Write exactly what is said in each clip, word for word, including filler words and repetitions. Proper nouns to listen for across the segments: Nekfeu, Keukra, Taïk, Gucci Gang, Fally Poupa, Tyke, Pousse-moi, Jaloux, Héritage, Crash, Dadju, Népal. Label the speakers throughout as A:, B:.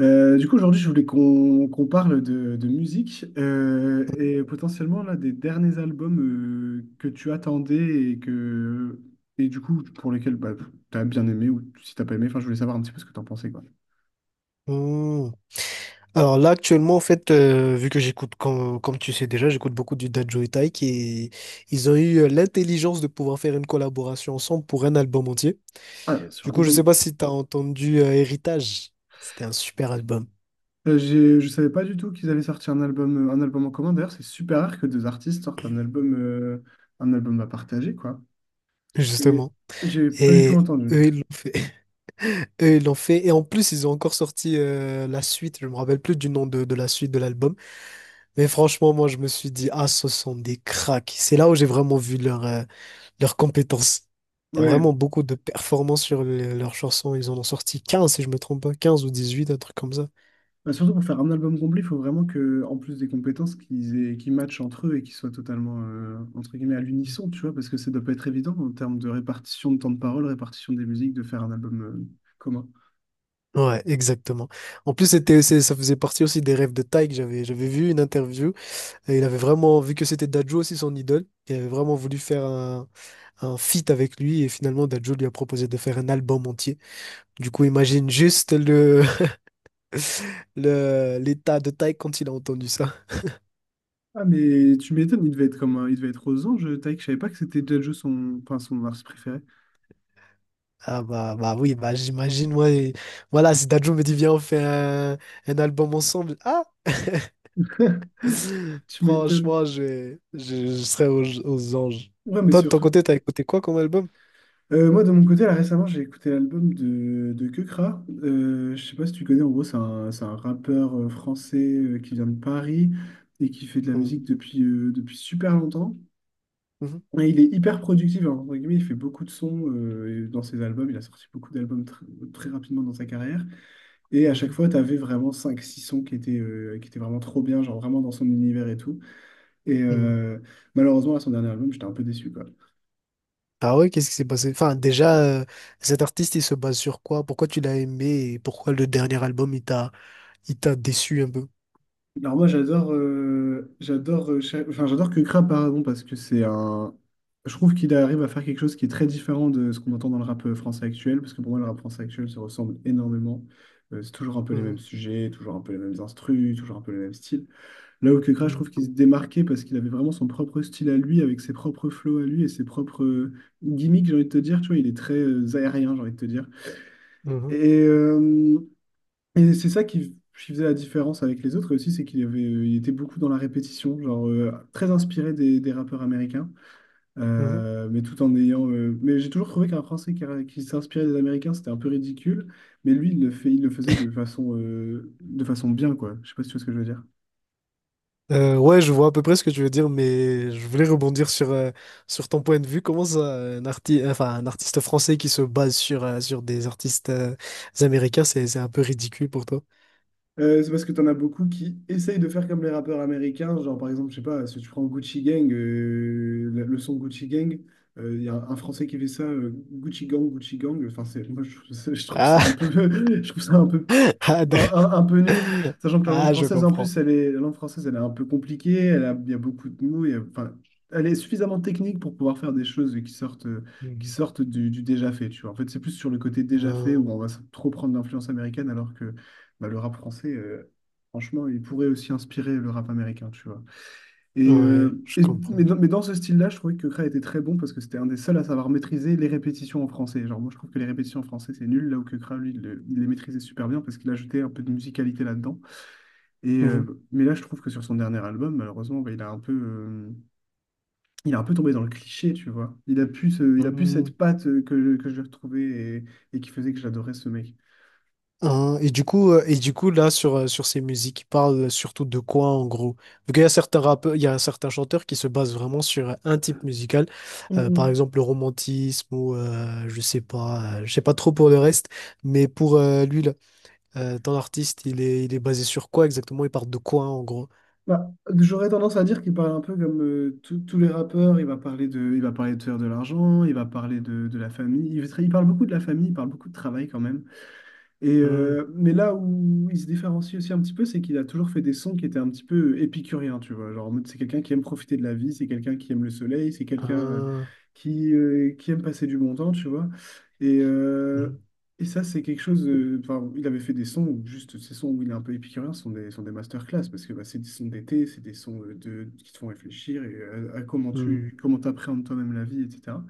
A: Euh, du coup, aujourd'hui, je voulais qu'on qu'on parle de, de musique euh, et potentiellement là, des derniers albums euh, que tu attendais et, que, et du coup pour lesquels bah, tu as bien aimé ou si t'as pas aimé. Enfin, je voulais savoir un petit peu ce que tu en pensais, quoi.
B: Hmm. Alors là, actuellement, en fait, euh, vu que j'écoute, comme, comme tu sais déjà, j'écoute beaucoup du Dadju et Taïk et ils ont eu euh, l'intelligence de pouvoir faire une collaboration ensemble pour un album entier.
A: Ah, sur
B: Du coup, je sais
A: l'album.
B: pas si tu as entendu euh, Héritage. C'était un super album,
A: Euh, j'ai- je savais pas du tout qu'ils avaient sorti un album, euh, un album en commun. D'ailleurs, c'est super rare que deux artistes sortent un album, euh, un album à partager, quoi. Et
B: justement.
A: j'ai pas du tout
B: Et
A: entendu.
B: eux, ils l'ont fait. Eux, ils l'ont fait. Et en plus, ils ont encore sorti euh, la suite. Je me rappelle plus du nom de, de la suite de l'album. Mais franchement, moi, je me suis dit, ah, ce sont des cracks. C'est là où j'ai vraiment vu leur, euh, leurs compétences. Il y a
A: Ouais.
B: vraiment beaucoup de performances sur le- leurs chansons. Ils en ont sorti quinze si je me trompe pas, quinze ou dix-huit un truc comme ça.
A: Bah, surtout pour faire un album complet, il faut vraiment que, en plus des compétences, qu'ils aient, qu'ils matchent entre eux et qu'ils soient totalement, euh, entre guillemets, à l'unisson, tu vois, parce que ça doit pas être évident en termes de répartition de temps de parole, répartition des musiques, de faire un album, euh, commun.
B: Ouais, exactement. En plus, c'était, c'est- ça faisait partie aussi des rêves de Tyke. J'avais, j'avais vu une interview et il avait vraiment, vu que c'était Dadju aussi son idole, il avait vraiment voulu faire un, un feat avec lui et finalement Dadju lui a proposé de faire un album entier. Du coup, imagine juste le, le, l'état de Tyke quand il a entendu ça.
A: Ah, mais tu m'étonnes, il devait être comme un- il devait être aux anges, Taïk. Je savais pas que c'était déjà son, enfin, son artiste préféré.
B: Ah bah, bah oui, bah j'imagine, moi, et- voilà, si Dadju me dit, viens, on fait un, un album ensemble, ah,
A: Tu m'étonnes.
B: franchement, je, vais- je, je serais aux, aux anges.
A: Non, mais
B: Toi, de ton
A: surtout.
B: côté, t'as écouté quoi comme album?
A: Euh, moi, de mon côté, là, récemment, j'ai écouté l'album de, de Keukra. Euh, je sais pas si tu connais, en gros, c'est un, c'est un rappeur euh, français euh, qui vient de Paris et qui fait de la
B: Mhm.
A: musique depuis, euh, depuis super longtemps.
B: mhm,
A: Et il est hyper productif, hein, entre guillemets, il fait beaucoup de sons euh, et dans ses albums. Il a sorti beaucoup d'albums tr- très rapidement dans sa carrière. Et à chaque
B: mhm,
A: fois, tu avais vraiment cinq six sons qui étaient, euh, qui étaient vraiment trop bien, genre vraiment dans son univers et tout. Et
B: mhm.
A: euh, Malheureusement, à son dernier album, j'étais un peu déçu, quoi.
B: Ah ouais, qu'est-ce qui s'est passé? Enfin, déjà, euh, cet artiste, il se base sur quoi? Pourquoi tu l'as aimé et pourquoi le dernier album, il t'a, il t'a déçu un peu?
A: Alors moi j'adore euh, j'adore euh, cha- enfin j'adore que Kra, pardon parce que c'est un je trouve qu'il arrive à faire quelque chose qui est très différent de ce qu'on entend dans le rap euh, français actuel parce que pour moi le rap français actuel se ressemble énormément. Euh, c'est toujours un peu les mêmes
B: Mhm,
A: sujets, toujours un peu les mêmes instrus, toujours un peu les mêmes styles, là où que Kra, je
B: mhm,
A: trouve qu'il se démarquait parce qu'il avait vraiment son propre style à lui avec ses propres flows à lui et ses propres euh, gimmicks, j'ai envie de te dire, tu vois, il est très euh, aérien, j'ai envie de te dire
B: mhm,
A: et euh, et c'est ça qui, qui faisait la différence avec les autres aussi, c'est qu'il avait, il était beaucoup dans la répétition, genre euh, très inspiré des, des rappeurs américains,
B: mhm.
A: euh, mais tout en ayant. Euh, mais j'ai toujours trouvé qu'un Français qui, qui s'inspirait des Américains, c'était un peu ridicule, mais lui, il le fait, il le faisait de façon, euh, de façon bien, quoi. Je sais pas si tu vois ce que je veux dire.
B: Euh, ouais, je vois à peu près ce que tu veux dire, mais je voulais rebondir sur, euh, sur ton point de vue. Comment ça, un arti- enfin, un artiste français qui se base sur, euh, sur des artistes euh, américains, c'est, c'est un peu ridicule pour toi.
A: Euh, c'est parce que t'en as beaucoup qui essayent de faire comme les rappeurs américains, genre par exemple, je sais pas, si tu prends Gucci Gang, euh, le le son Gucci Gang, euh, il y a un Français qui fait ça, euh, Gucci Gang, Gucci Gang, enfin c'est, moi je, trouve ça, je trouve ça un
B: Ah,
A: peu, je trouve ça un peu
B: ah,
A: un,
B: d'accord.
A: un- un peu nul, sachant que la langue
B: Ah, je
A: française, en
B: comprends.
A: plus, elle est, la langue française, elle est un peu compliquée, elle a, il y a beaucoup de mots, il y a- enfin, elle est suffisamment technique pour pouvoir faire des choses qui sortent, qui
B: Mhm.
A: sortent du, du déjà fait, tu vois. En fait, c'est plus sur le côté déjà fait
B: Euh,
A: où on va s- trop prendre l'influence américaine, alors que bah, le rap français, euh, franchement, il pourrait aussi inspirer le rap américain, tu vois. Et,
B: ouais,
A: euh,
B: je
A: et- mais,
B: comprends.
A: dans, mais dans ce style-là, je trouvais que Kra était très bon parce que c'était un des seuls à savoir maîtriser les répétitions en français. Genre, moi, je trouve que les répétitions en français, c'est nul, là où que Kra, lui, il, le- il les maîtrisait super bien parce qu'il ajoutait un peu de musicalité là-dedans. Et, euh, mais là, je trouve que sur son dernier album, malheureusement, bah, il a un peu, euh, il a un peu tombé dans le cliché, tu vois. Il a plus, ce- il a plus cette
B: Mhm.
A: patte euh, que, que je lui retrouvais et, et qui faisait que j'adorais ce mec.
B: Hein, et du coup, euh, et du coup, là, sur, euh, sur ces musiques, ils parlent surtout de quoi, en gros? Vu qu'il y a certains rappeurs, il y a certains chanteurs qui se basent vraiment sur euh, un type musical, euh, par exemple le romantisme ou euh, je sais pas, euh, je sais pas trop pour le reste, mais pour euh, lui, là, euh, ton artiste, il est, il est basé sur quoi exactement? Il parle de quoi, en gros?
A: Bah, j'aurais tendance à dire qu'il parle un peu comme euh, tous tous les rappeurs. Il va parler de, il va parler de faire de l'argent, il va parler de, de la famille. Il, va- il parle beaucoup de la famille, il parle beaucoup de travail quand même. Et
B: Hmm.
A: euh, mais là où il se différencie aussi un petit peu, c'est qu'il a toujours fait des sons qui étaient un petit peu épicuriens, tu vois. Genre, en mode, c'est quelqu'un qui aime profiter de la vie, c'est quelqu'un qui aime le soleil, c'est quelqu'un euh,
B: hein,
A: qui, euh, qui aime passer du bon temps, tu vois. Et,
B: hmm,
A: euh, et ça, c'est quelque chose. euh, Enfin, il avait fait des sons, où juste ces sons où il est un peu épicurien, sont des, sont des masterclass, parce que bah, c'est des sons d'été, c'est des sons euh, de, qui te font réfléchir et, à, à comment
B: hmm,
A: tu comment t'appréhendes toi-même la vie, et cætera.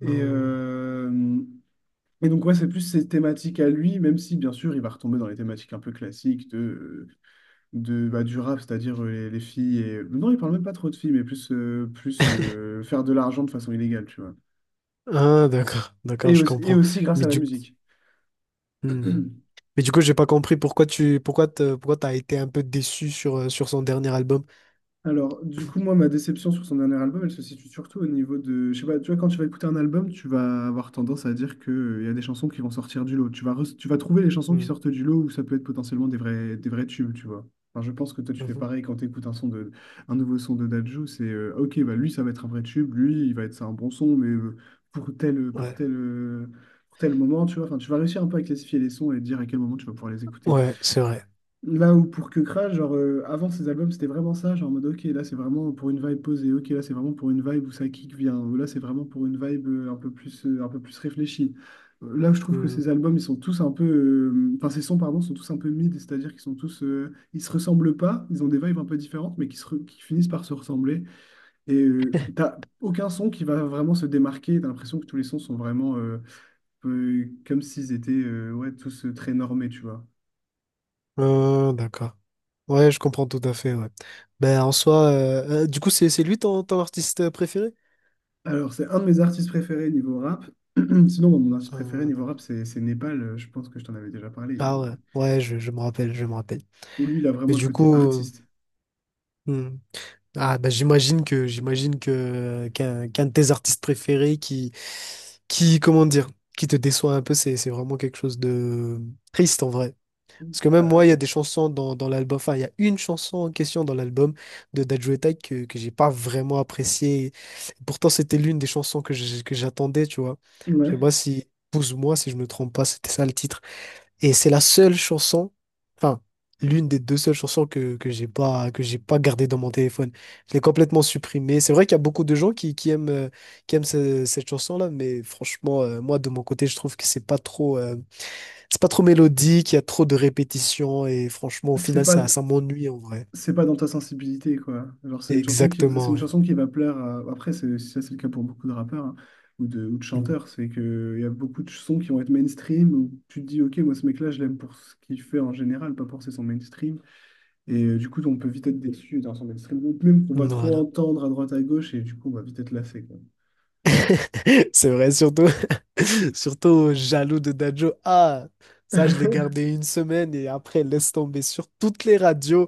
A: Et,
B: hein.
A: euh, et donc, ouais, c'est plus ses thématiques à lui, même si, bien sûr, il va retomber dans les thématiques un peu classiques de, euh, de, bah, du rap, c'est-à-dire euh, les, les filles. Et... euh, Non, il parle même pas trop de filles, mais plus, euh, plus euh, faire de l'argent de façon illégale, tu vois.
B: Ah, d'accord, d'accord,
A: Et
B: je
A: aussi, et
B: comprends.
A: aussi grâce
B: Mais
A: à la
B: du
A: musique.
B: Mhm. Mais du coup, j'ai pas compris pourquoi tu pourquoi te- pourquoi t'as été un peu déçu sur, euh, sur son dernier album.
A: Alors, du coup, moi, ma déception sur son dernier album, elle se situe surtout au niveau de, je sais pas, tu vois, quand tu vas écouter un album, tu vas avoir tendance à dire que euh, il y a des chansons qui vont sortir du lot. Tu vas, re- tu vas trouver les chansons qui
B: Mhm.
A: sortent du lot où ça peut être potentiellement des vrais, des vrais tubes, tu vois. Enfin, je pense que toi, tu fais
B: Mhm.
A: pareil quand tu écoutes un son de, un nouveau son de Dadju, c'est, euh, ok, bah lui, ça va être un vrai tube, lui, il va être c'est un bon son, mais euh, pour tel, pour
B: Ouais,
A: tel, euh, pour tel moment, tu vois. Enfin, tu vas réussir un peu à classifier les sons et dire à quel moment tu vas pouvoir les écouter.
B: ouais, c'est vrai.
A: Là où pour que Crash, genre euh, avant ses albums, c'était vraiment ça, genre en mode ok, là c'est vraiment pour une vibe posée, ok, là c'est vraiment pour une vibe où ça kick vient, ou là c'est vraiment pour une vibe euh, un peu plus, euh, un peu plus réfléchie. Euh, Là, je trouve que ces
B: Mhm.
A: albums, ils sont tous un peu, euh, enfin ces sons, pardon, sont tous un peu mid, c'est-à-dire qu'ils sont tous, euh, ils se ressemblent pas, ils ont des vibes un peu différentes, mais qui, se re- qui finissent par se ressembler. Et euh, t'as aucun son qui va vraiment se démarquer, t'as l'impression que tous les sons sont vraiment euh, euh, comme s'ils étaient euh, ouais, tous euh, très normés, tu vois.
B: Euh, d'accord. Ouais, je comprends tout à fait, ouais. Ben en soi, euh, euh, du coup, c'est c'est lui ton, ton artiste euh, préféré?
A: Alors, c'est un de mes artistes préférés niveau rap. Sinon, bon, mon artiste préféré
B: Euh,
A: niveau rap,
B: d'accord.
A: c'est c'est Népal. Euh, Je pense que je t'en avais déjà parlé.
B: Ah ouais,
A: Il-
B: ouais, je, je me rappelle, je me rappelle.
A: où lui, il a
B: Mais
A: vraiment le
B: du
A: côté
B: coup,
A: artiste.
B: euh, Ah bah j'imagine que j'imagine que qu'un qu'un de tes artistes préférés qui qui comment dire qui te déçoit un peu c'est c'est vraiment quelque chose de triste en vrai parce que même moi il y a
A: Euh,
B: des chansons dans, dans l'album enfin il y a une chanson en question dans l'album de Dajuetai que que j'ai pas vraiment appréciée pourtant c'était l'une des chansons que j'ai- que j'attendais tu vois je sais
A: ouais.
B: pas si Pousse-moi si je me trompe pas c'était ça le titre et c'est la seule chanson, enfin, l'une des deux seules chansons que, que j'ai pas, que j'ai pas gardée dans mon téléphone. Je l'ai complètement supprimée. C'est vrai qu'il y a beaucoup de gens qui, qui aiment, euh, qui aiment ce- cette chanson-là, mais franchement, euh, moi, de mon côté, je trouve que c'est pas trop, euh, c'est pas trop mélodique, il y a trop de répétitions, et franchement, au
A: C'est
B: final,
A: pas,
B: ça, ça m'ennuie en vrai.
A: c'est pas dans ta sensibilité, quoi. Genre, c'est une chanson qui, c'est
B: Exactement,
A: une
B: ouais.
A: chanson qui va plaire à- Après, c'est, si ça, c'est le cas pour beaucoup de rappeurs hein, ou de, ou de
B: Mm.
A: chanteurs. C'est que il y a beaucoup de sons qui vont être mainstream où tu te dis, OK, moi, ce mec-là, je l'aime pour ce qu'il fait en général, pas pour ses sons mainstream. Et euh, du coup, on peut vite être déçu d'un son mainstream, ou même qu'on va trop
B: Voilà.
A: entendre à droite à gauche, et du coup, on va vite être lassé, quoi.
B: C'est vrai, surtout, surtout jaloux de Dadjo. Ah, ça, je l'ai gardé une semaine et après, laisse tomber sur toutes les radios.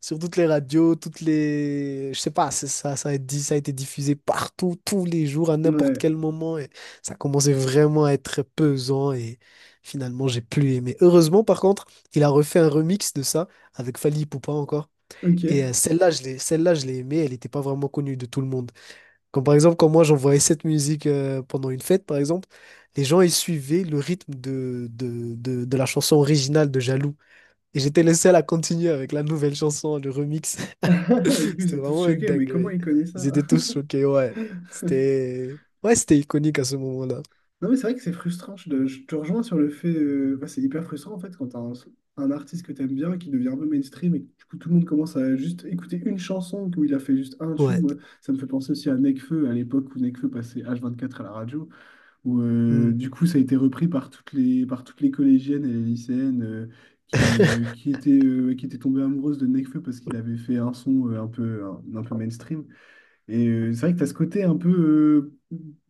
B: sur toutes les radios, toutes les... Je sais pas, c'est ça, ça a été, ça a été diffusé partout, tous les jours, à n'importe
A: Ouais,
B: quel moment. Et ça commençait vraiment à être pesant et finalement, j'ai plus aimé. Heureusement, par contre, il a refait un remix de ça avec Fally Poupa encore. Et euh,
A: ok.
B: celle-là, je l'ai, celle-là, je l'ai aimée, elle n'était pas vraiment connue de tout le monde. Comme par exemple, quand moi, j'envoyais cette musique euh, pendant une fête, par exemple, les gens, ils suivaient le rythme de, de, de, de la chanson originale de Jaloux. Et j'étais le seul à continuer avec la nouvelle chanson, le remix.
A: Du coup, ils
B: C'était
A: étaient tous
B: vraiment une
A: choqués, mais comment
B: dinguerie.
A: il connaît ça?
B: Ils étaient tous choqués, ouais. C'était... Ouais, c'était iconique à ce moment-là.
A: Non, mais c'est vrai que c'est frustrant. Je, te je te rejoins sur le fait. Euh, bah, c'est hyper frustrant en fait quand t'as un, un artiste que t'aimes bien qui devient un peu mainstream et que du coup tout le monde commence à juste écouter une chanson où il a fait juste un tube.
B: Ouais.
A: Moi, ça me fait penser aussi à Nekfeu à l'époque où Nekfeu passait H vingt-quatre à la radio, où euh,
B: Hmm.
A: du coup ça a été repris par toutes les, par toutes les collégiennes et les lycéennes euh, qui, euh, qui étaient, euh, qui étaient tombées amoureuses de Nekfeu parce qu'il avait fait un son euh, un peu, un, un peu mainstream. Et euh, c'est vrai que tu as ce côté un peu euh,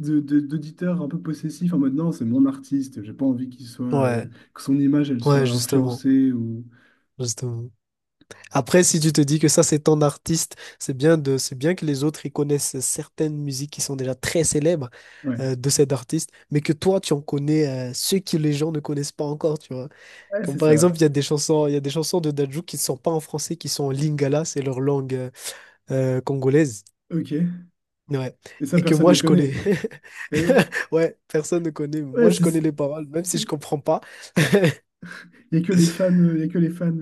A: de, de- d'auditeur un peu possessif en mode non, c'est mon artiste, j'ai pas envie qu'il soit, euh,
B: Ouais,
A: que son image elle soit
B: ouais, justement,
A: influencée ou.
B: justement. Après, si tu te dis que ça, c'est ton artiste, c'est bien de, c'est bien que les autres, ils connaissent certaines musiques qui sont déjà très célèbres
A: Ouais,
B: euh, de cet artiste, mais que toi, tu en connais euh, ceux que les gens ne connaissent pas encore, tu vois.
A: ouais,
B: Comme
A: c'est
B: par
A: ça.
B: exemple, il y a des chansons, il y a des chansons de Dadju qui ne sont pas en français, qui sont en lingala, c'est leur langue euh, euh, congolaise.
A: Ok. Et
B: Ouais.
A: ça,
B: Et que
A: personne ne
B: moi,
A: les
B: je
A: connaît.
B: connais.
A: Et
B: Ouais, personne ne connaît. Mais
A: ouais,
B: moi, je
A: c'est
B: connais
A: ça.
B: les paroles, même si je comprends pas.
A: Il n'y a que les fans, il y a que les fans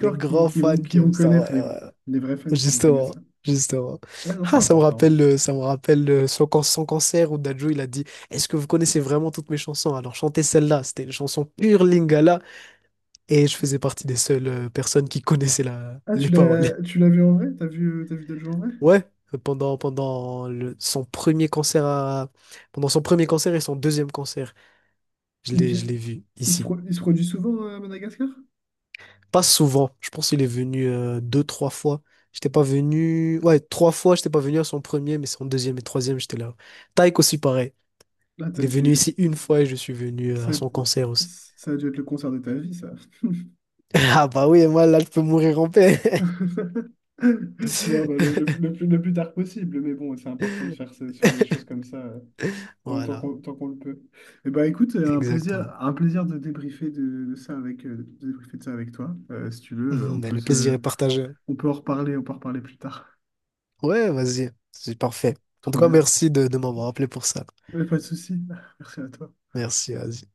B: Les
A: qui,
B: grands
A: qui vont,
B: fans
A: qui
B: qui
A: vont
B: aiment ça, ouais,
A: connaître, les,
B: ouais, ouais.
A: les vrais fans qui vont connaître
B: Justement,
A: ça.
B: justement.
A: Ouais, non, c'est
B: Ah, ça me
A: important.
B: rappelle, euh, ça me rappelle euh, son, can- son cancer où Dadju, il a dit, est-ce que vous connaissez vraiment toutes mes chansons? Alors, chantez celle-là. C'était une chanson pure Lingala. Et je faisais partie des seules euh, personnes qui connaissaient la,
A: Ah, tu
B: les paroles.
A: l'as, tu l'as vu en vrai? T'as vu, euh, t'as vu Dadju en vrai?
B: Ouais. Pendant, pendant le- son premier concert à- pendant son premier concert et son deuxième concert. Je
A: Il
B: l'ai, je
A: vient,
B: l'ai vu
A: il se,
B: ici.
A: pro- il se produit souvent euh, à Madagascar?
B: Pas souvent. Je pense qu'il est venu euh, deux, trois fois. J'étais pas venu. Ouais, trois fois, j'étais pas venu à son premier, mais son deuxième et troisième, j'étais là. Taïk aussi, pareil.
A: Là,
B: Il
A: t'as
B: est venu
A: dû,
B: ici une fois et je suis venu euh,
A: ça,
B: à son concert aussi.
A: ça a dû être le concert de ta vie, ça.
B: Ah bah oui, et moi là, je peux mourir en paix.
A: Bon, bah, le, le- le plus, le plus tard possible, mais bon, c'est important de faire, ce- de faire des choses comme ça. Euh, tant tant
B: Voilà,
A: qu'on tant qu'on le peut. Eh ben, écoute, euh, un plaisir,
B: exactement.
A: un plaisir de débriefer de, de ça avec, euh, de débriefer de ça avec toi. Euh, si tu veux, on
B: Mm, mais
A: peut
B: le plaisir
A: se,
B: est partagé.
A: on peut en reparler, on peut en reparler plus tard.
B: Ouais, vas-y. C'est parfait. En tout
A: Trop
B: cas,
A: bien.
B: merci de, de m'avoir appelé pour ça.
A: Ouais, pas de souci. Merci à toi.
B: Merci, vas-y.